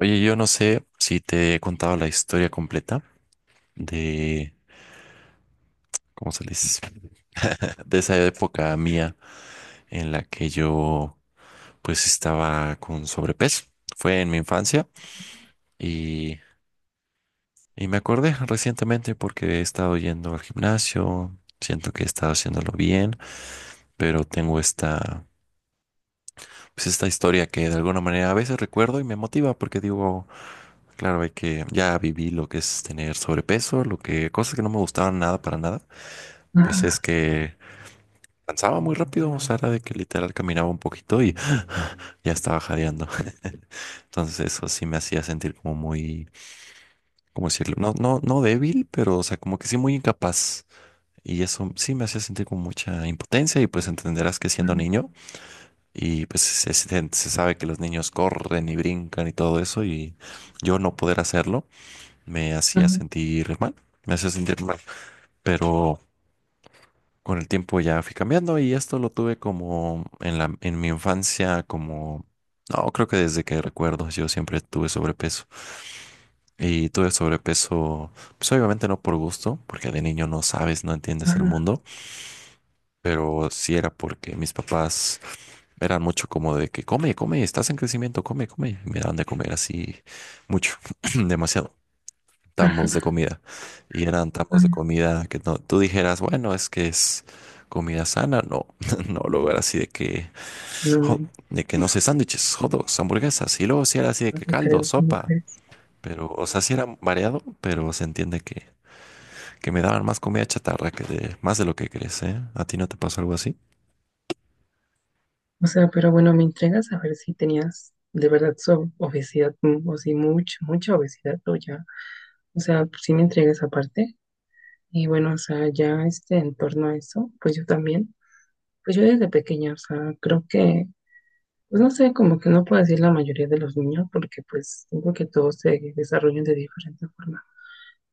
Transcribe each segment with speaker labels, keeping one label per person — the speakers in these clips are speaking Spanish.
Speaker 1: Oye, yo no sé si te he contado la historia completa de, ¿cómo se les? De esa época mía en la que yo pues estaba con sobrepeso. Fue en mi infancia y, y me acordé recientemente porque he estado yendo al gimnasio, siento que he estado haciéndolo bien, pero tengo esta, pues esta historia que de alguna manera a veces recuerdo y me motiva porque digo... Claro, hay que ya viví lo que es tener sobrepeso, lo que cosas que no me gustaban nada para nada, pues es
Speaker 2: Ah,
Speaker 1: que cansaba muy rápido, o sea, era de que literal caminaba un poquito y ya estaba jadeando. Entonces eso sí me hacía sentir como muy, ¿cómo decirlo? No, no, no débil, pero o sea, como que sí muy incapaz. Y eso sí me hacía sentir con mucha impotencia y pues entenderás que siendo niño y pues se sabe que los niños corren y brincan y todo eso y yo no poder hacerlo me hacía
Speaker 2: ah,
Speaker 1: sentir mal, me hacía sentir mal, pero con el tiempo ya fui cambiando y esto lo tuve como en la, en mi infancia, como, no, creo que desde que recuerdo yo siempre tuve sobrepeso y tuve sobrepeso, pues obviamente no por gusto, porque de niño no sabes, no entiendes el
Speaker 2: ah,
Speaker 1: mundo, pero sí era porque mis papás eran mucho como de que come, come, estás en crecimiento, come, come, y me daban de comer así mucho, demasiado. Tambos de
Speaker 2: ah,
Speaker 1: comida. Y eran tambos de
Speaker 2: ah.
Speaker 1: comida que no, tú dijeras, bueno, es que es comida sana. No, no, luego era así de que,
Speaker 2: No,
Speaker 1: jo-
Speaker 2: man,
Speaker 1: de que no sé, sándwiches, hot dogs, hamburguesas. Y luego sí era así de
Speaker 2: no
Speaker 1: que
Speaker 2: te
Speaker 1: caldo,
Speaker 2: creo, ¿cómo
Speaker 1: sopa.
Speaker 2: crees?
Speaker 1: Pero, o sea, sí era variado, pero se entiende que me daban más comida chatarra que de más de lo que crees, ¿eh? ¿A ti no te pasó algo así?
Speaker 2: O sea, pero bueno, me entregas a ver si tenías de verdad obesidad o si mucha obesidad o ya. O sea, si me entregas aparte. Y bueno, o sea, en torno a eso, pues yo también. Pues yo desde pequeña, o sea, pues no sé, como que no puedo decir la mayoría de los niños porque pues siento que todos se desarrollan de diferente forma.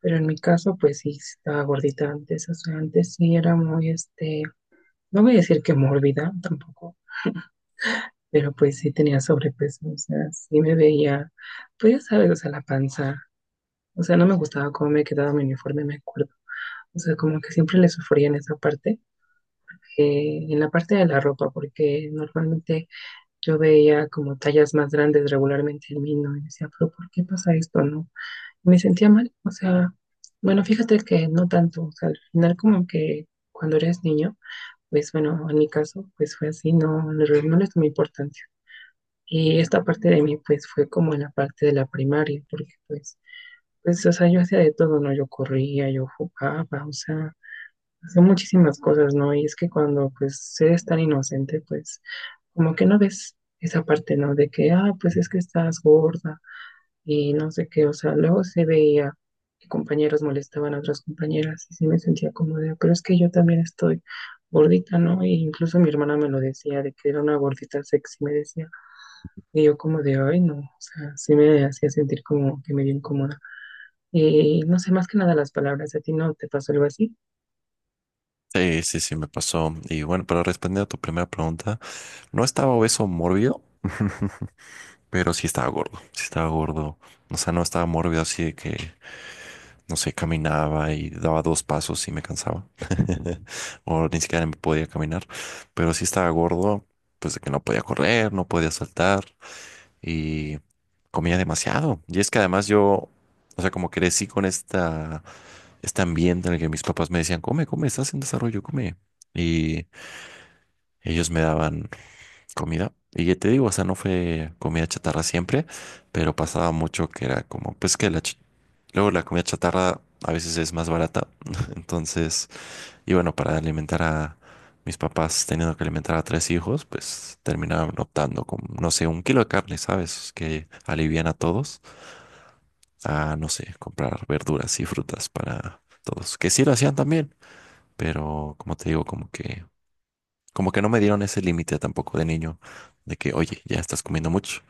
Speaker 2: Pero en mi caso, pues sí, sí estaba gordita antes, o sea, antes sí era muy, no voy a decir que mórbida tampoco, pero pues sí tenía sobrepeso, o sea, sí me veía, pues ya sabes, o sea, la panza, o sea, no me gustaba cómo me quedaba mi uniforme, me acuerdo, o sea, como que siempre le sufría en esa parte, en la parte de la ropa, porque normalmente yo veía como tallas más grandes regularmente en mí, ¿no? Y decía, pero ¿por qué pasa esto, no? Me sentía mal, o sea, bueno, fíjate que no tanto, o sea, al final como que cuando eres niño, pues bueno, en mi caso, pues fue así, no, no le tomé importancia. Y esta parte de mí, pues fue como en la parte de la primaria, porque o sea, yo hacía de todo, ¿no? Yo corría, yo jugaba, o sea, hacía muchísimas cosas, ¿no? Y es que cuando, pues, eres tan inocente, pues, como que no ves esa parte, ¿no? De que, ah, pues es que estás gorda y no sé qué, o sea, luego se veía que compañeros molestaban a otras compañeras y sí me sentía como de, pero es que yo también estoy gordita, ¿no? E incluso mi hermana me lo decía, de que era una gordita sexy, me decía, y yo como de, ay, no, o sea, sí me hacía sentir como que me dio incómoda. Y no sé, más que nada las palabras, ¿a ti no te pasó algo así?
Speaker 1: Sí, sí, sí, me pasó. Y bueno, pero respondiendo a tu primera pregunta, no estaba obeso mórbido, pero sí estaba gordo. Sí estaba gordo. O sea, no estaba mórbido así de que no sé, caminaba y daba dos pasos y me cansaba. O ni siquiera me podía caminar. Pero sí estaba gordo, pues de que no podía correr, no podía saltar y comía demasiado. Y es que además yo, o sea, como crecí con esta, este ambiente en el que mis papás me decían, come, come, estás en desarrollo, come. Y ellos me daban comida. Y ya te digo, o sea, no fue comida chatarra siempre, pero pasaba mucho que era como, pues que la, luego la comida chatarra a veces es más barata. Entonces, y bueno, para alimentar a mis papás teniendo que alimentar a tres hijos, pues terminaron optando con, no sé, un kilo de carne, ¿sabes? Que alivian a todos a, no sé, comprar verduras y frutas para todos. Que sí lo hacían también, pero como te digo, como que no me dieron ese límite tampoco de niño de que, oye, ya estás comiendo mucho,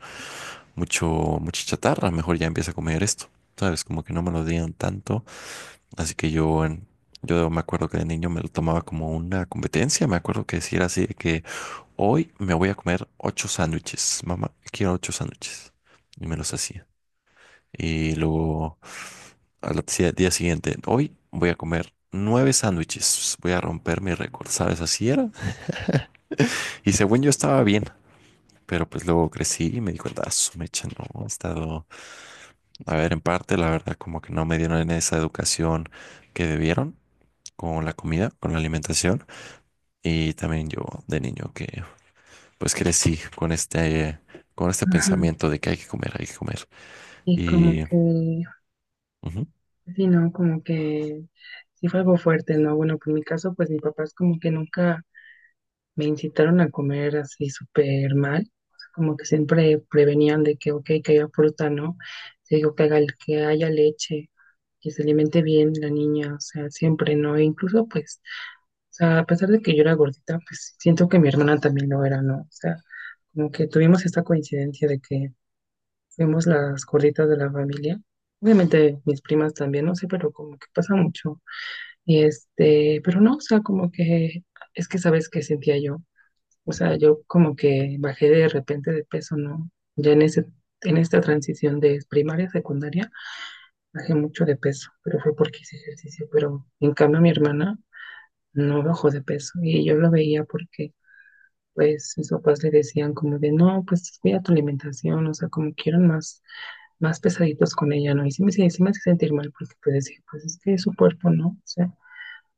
Speaker 1: mucho, mucha chatarra, mejor ya empieza a comer esto. ¿Sabes? Como que no me lo dieron tanto. Así que yo, yo me acuerdo que de niño me lo tomaba como una competencia. Me acuerdo que decir así de que hoy me voy a comer ocho sándwiches. Mamá, quiero ocho sándwiches. Y me los hacía. Y luego al día siguiente, hoy voy a comer nueve sándwiches. Voy a romper mi récord, ¿sabes? Así era. Y según yo estaba bien. Pero pues luego crecí y me di cuenta, "Ah, su mecha, no, he estado, a ver, en parte, la verdad, como que no me dieron esa educación que debieron con la comida, con la alimentación. Y también yo de niño que pues crecí con este
Speaker 2: Ajá.
Speaker 1: pensamiento de que hay que comer, hay que comer.
Speaker 2: Y
Speaker 1: Y
Speaker 2: como que,
Speaker 1: ujú,
Speaker 2: sí, no, como que sí fue algo fuerte, ¿no? Bueno, pues en mi caso, pues mis papás como que nunca me incitaron a comer así súper mal, o sea, como que siempre prevenían de que, ok, que haya fruta, ¿no? Te digo, que haya leche, que se alimente bien la niña, o sea, siempre, ¿no? E incluso, pues, o sea, a pesar de que yo era gordita, pues siento que mi hermana también lo era, ¿no? O sea, como que tuvimos esta coincidencia de que fuimos las gorditas de la familia. Obviamente mis primas también, no sé, pero como que pasa mucho. Y este, pero no, o sea, como que es que sabes que sentía yo, o sea, yo como que bajé de repente de peso, ¿no? Ya en ese, en esta transición de primaria a secundaria, bajé mucho de peso, pero fue porque hice ejercicio. Pero en cambio mi hermana no bajó de peso y yo lo veía porque pues mis papás le decían como de, no, pues cuida tu alimentación, o sea, como quieren más pesaditos con ella, ¿no? Y sí me hace sentir mal porque pues decía, pues es que es su cuerpo, ¿no? O sea,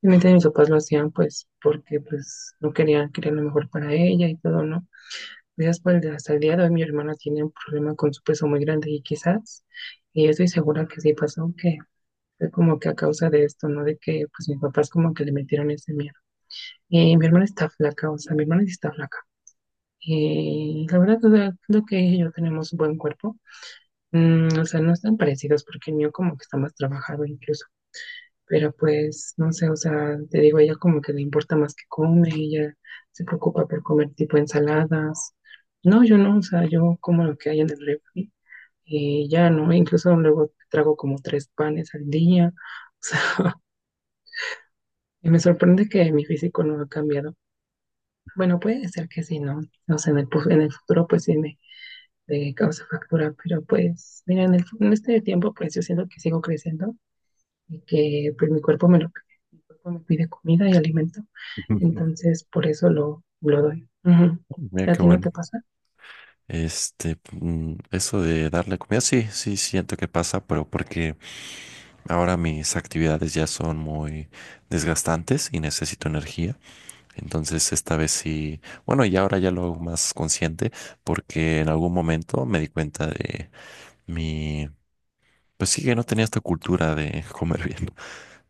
Speaker 2: obviamente mis papás lo hacían pues porque pues no querían, querían lo mejor para ella y todo, ¿no? Gracias por el día. Hasta el día de hoy mi hermana tiene un problema con su peso muy grande y quizás, y yo estoy segura que sí pasó, que fue como que a causa de esto, ¿no? De que pues mis papás como que le metieron ese miedo. Y mi hermana está flaca, o sea, mi hermana sí está flaca. Y la verdad, o sea, creo que ella y yo tenemos un buen cuerpo. Mm, o sea, no están parecidos porque el mío como que está más trabajado incluso. Pero pues, no sé, o sea, te digo, ella como que le importa más que come, ella se preocupa por comer tipo ensaladas. No, yo no, o sea, yo como lo que hay en el refri y ya, ¿no? Incluso luego trago como 3 panes al día. O sea, y me sorprende que mi físico no ha cambiado. Bueno, puede ser que sí, ¿no? No sé, en el futuro pues me causa factura, pero pues, mira, en este tiempo pues yo siento que sigo creciendo y que pues mi cuerpo me lo cuerpo me pide comida y alimento. Entonces, por eso lo doy. Ujú.
Speaker 1: mira
Speaker 2: ¿A
Speaker 1: qué
Speaker 2: ti no
Speaker 1: bueno.
Speaker 2: te pasa?
Speaker 1: Este, eso de darle comida, sí, sí, siento que pasa, pero porque ahora mis actividades ya son muy desgastantes y necesito energía. Entonces, esta vez sí, bueno, y ahora ya lo hago más consciente porque en algún momento me di cuenta de mi pues sí que no tenía esta cultura de comer bien.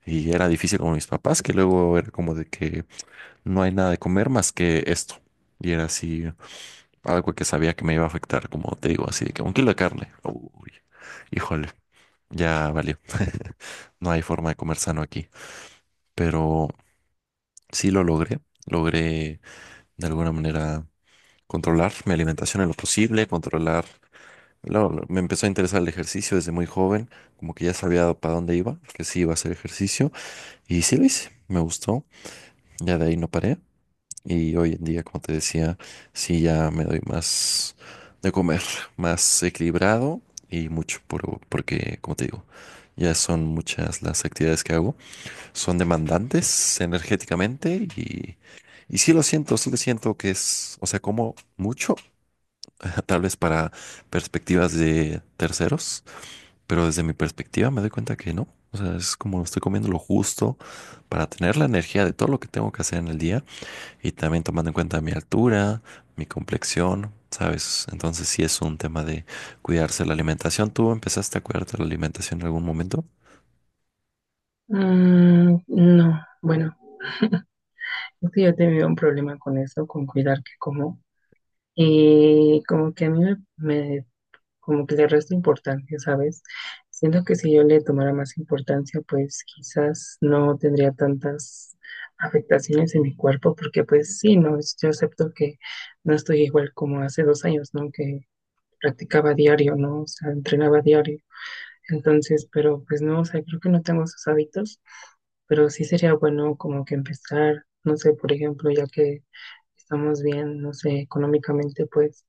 Speaker 1: Y era difícil con mis papás, que luego era como de que no hay nada de comer más que esto. Y era así, algo que sabía que me iba a afectar, como te digo, así de que un kilo de carne. Uy, híjole, ya valió. No hay forma de comer sano aquí. Pero sí lo logré. Logré de alguna manera controlar mi alimentación en lo posible, controlar. Me empezó a interesar el ejercicio desde muy joven, como que ya sabía para dónde iba, que sí iba a hacer ejercicio. Y sí lo hice, me gustó, ya de ahí no paré. Y hoy en día, como te decía, sí ya me doy más de comer, más equilibrado y mucho, porque, como te digo, ya son muchas las actividades que hago, son demandantes energéticamente y sí lo siento que es, o sea, como mucho, tal vez para perspectivas de terceros pero desde mi perspectiva me doy cuenta que no. O sea, es como estoy comiendo lo justo para tener la energía de todo lo que tengo que hacer en el día y también tomando en cuenta mi altura, mi complexión, ¿sabes? Entonces sí es un tema de cuidarse la alimentación. ¿Tú empezaste a cuidarte la alimentación en algún momento?
Speaker 2: Mm, no, bueno, es que yo he tenido un problema con eso, con cuidar que como. Y como que a mí me, me- como que le resta importancia, ¿sabes? Siento que si yo le tomara más importancia, pues quizás no tendría tantas afectaciones en mi cuerpo, porque pues sí, no, yo acepto que no estoy igual como hace 2 años, ¿no? Que practicaba diario, ¿no? O sea, entrenaba diario. Entonces, pero pues no, o sea, creo que no tengo esos hábitos, pero sí sería bueno como que empezar, no sé, por ejemplo, ya que estamos bien, no sé, económicamente, pues,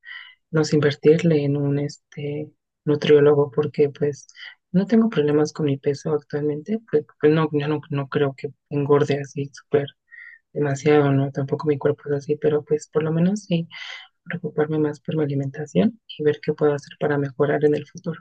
Speaker 2: no sé, invertirle en un nutriólogo, porque pues no tengo problemas con mi peso actualmente, pues no, yo no, no creo que engorde así súper demasiado, ¿no? Tampoco mi cuerpo es así, pero pues por lo menos sí preocuparme más por mi alimentación y ver qué puedo hacer para mejorar en el futuro.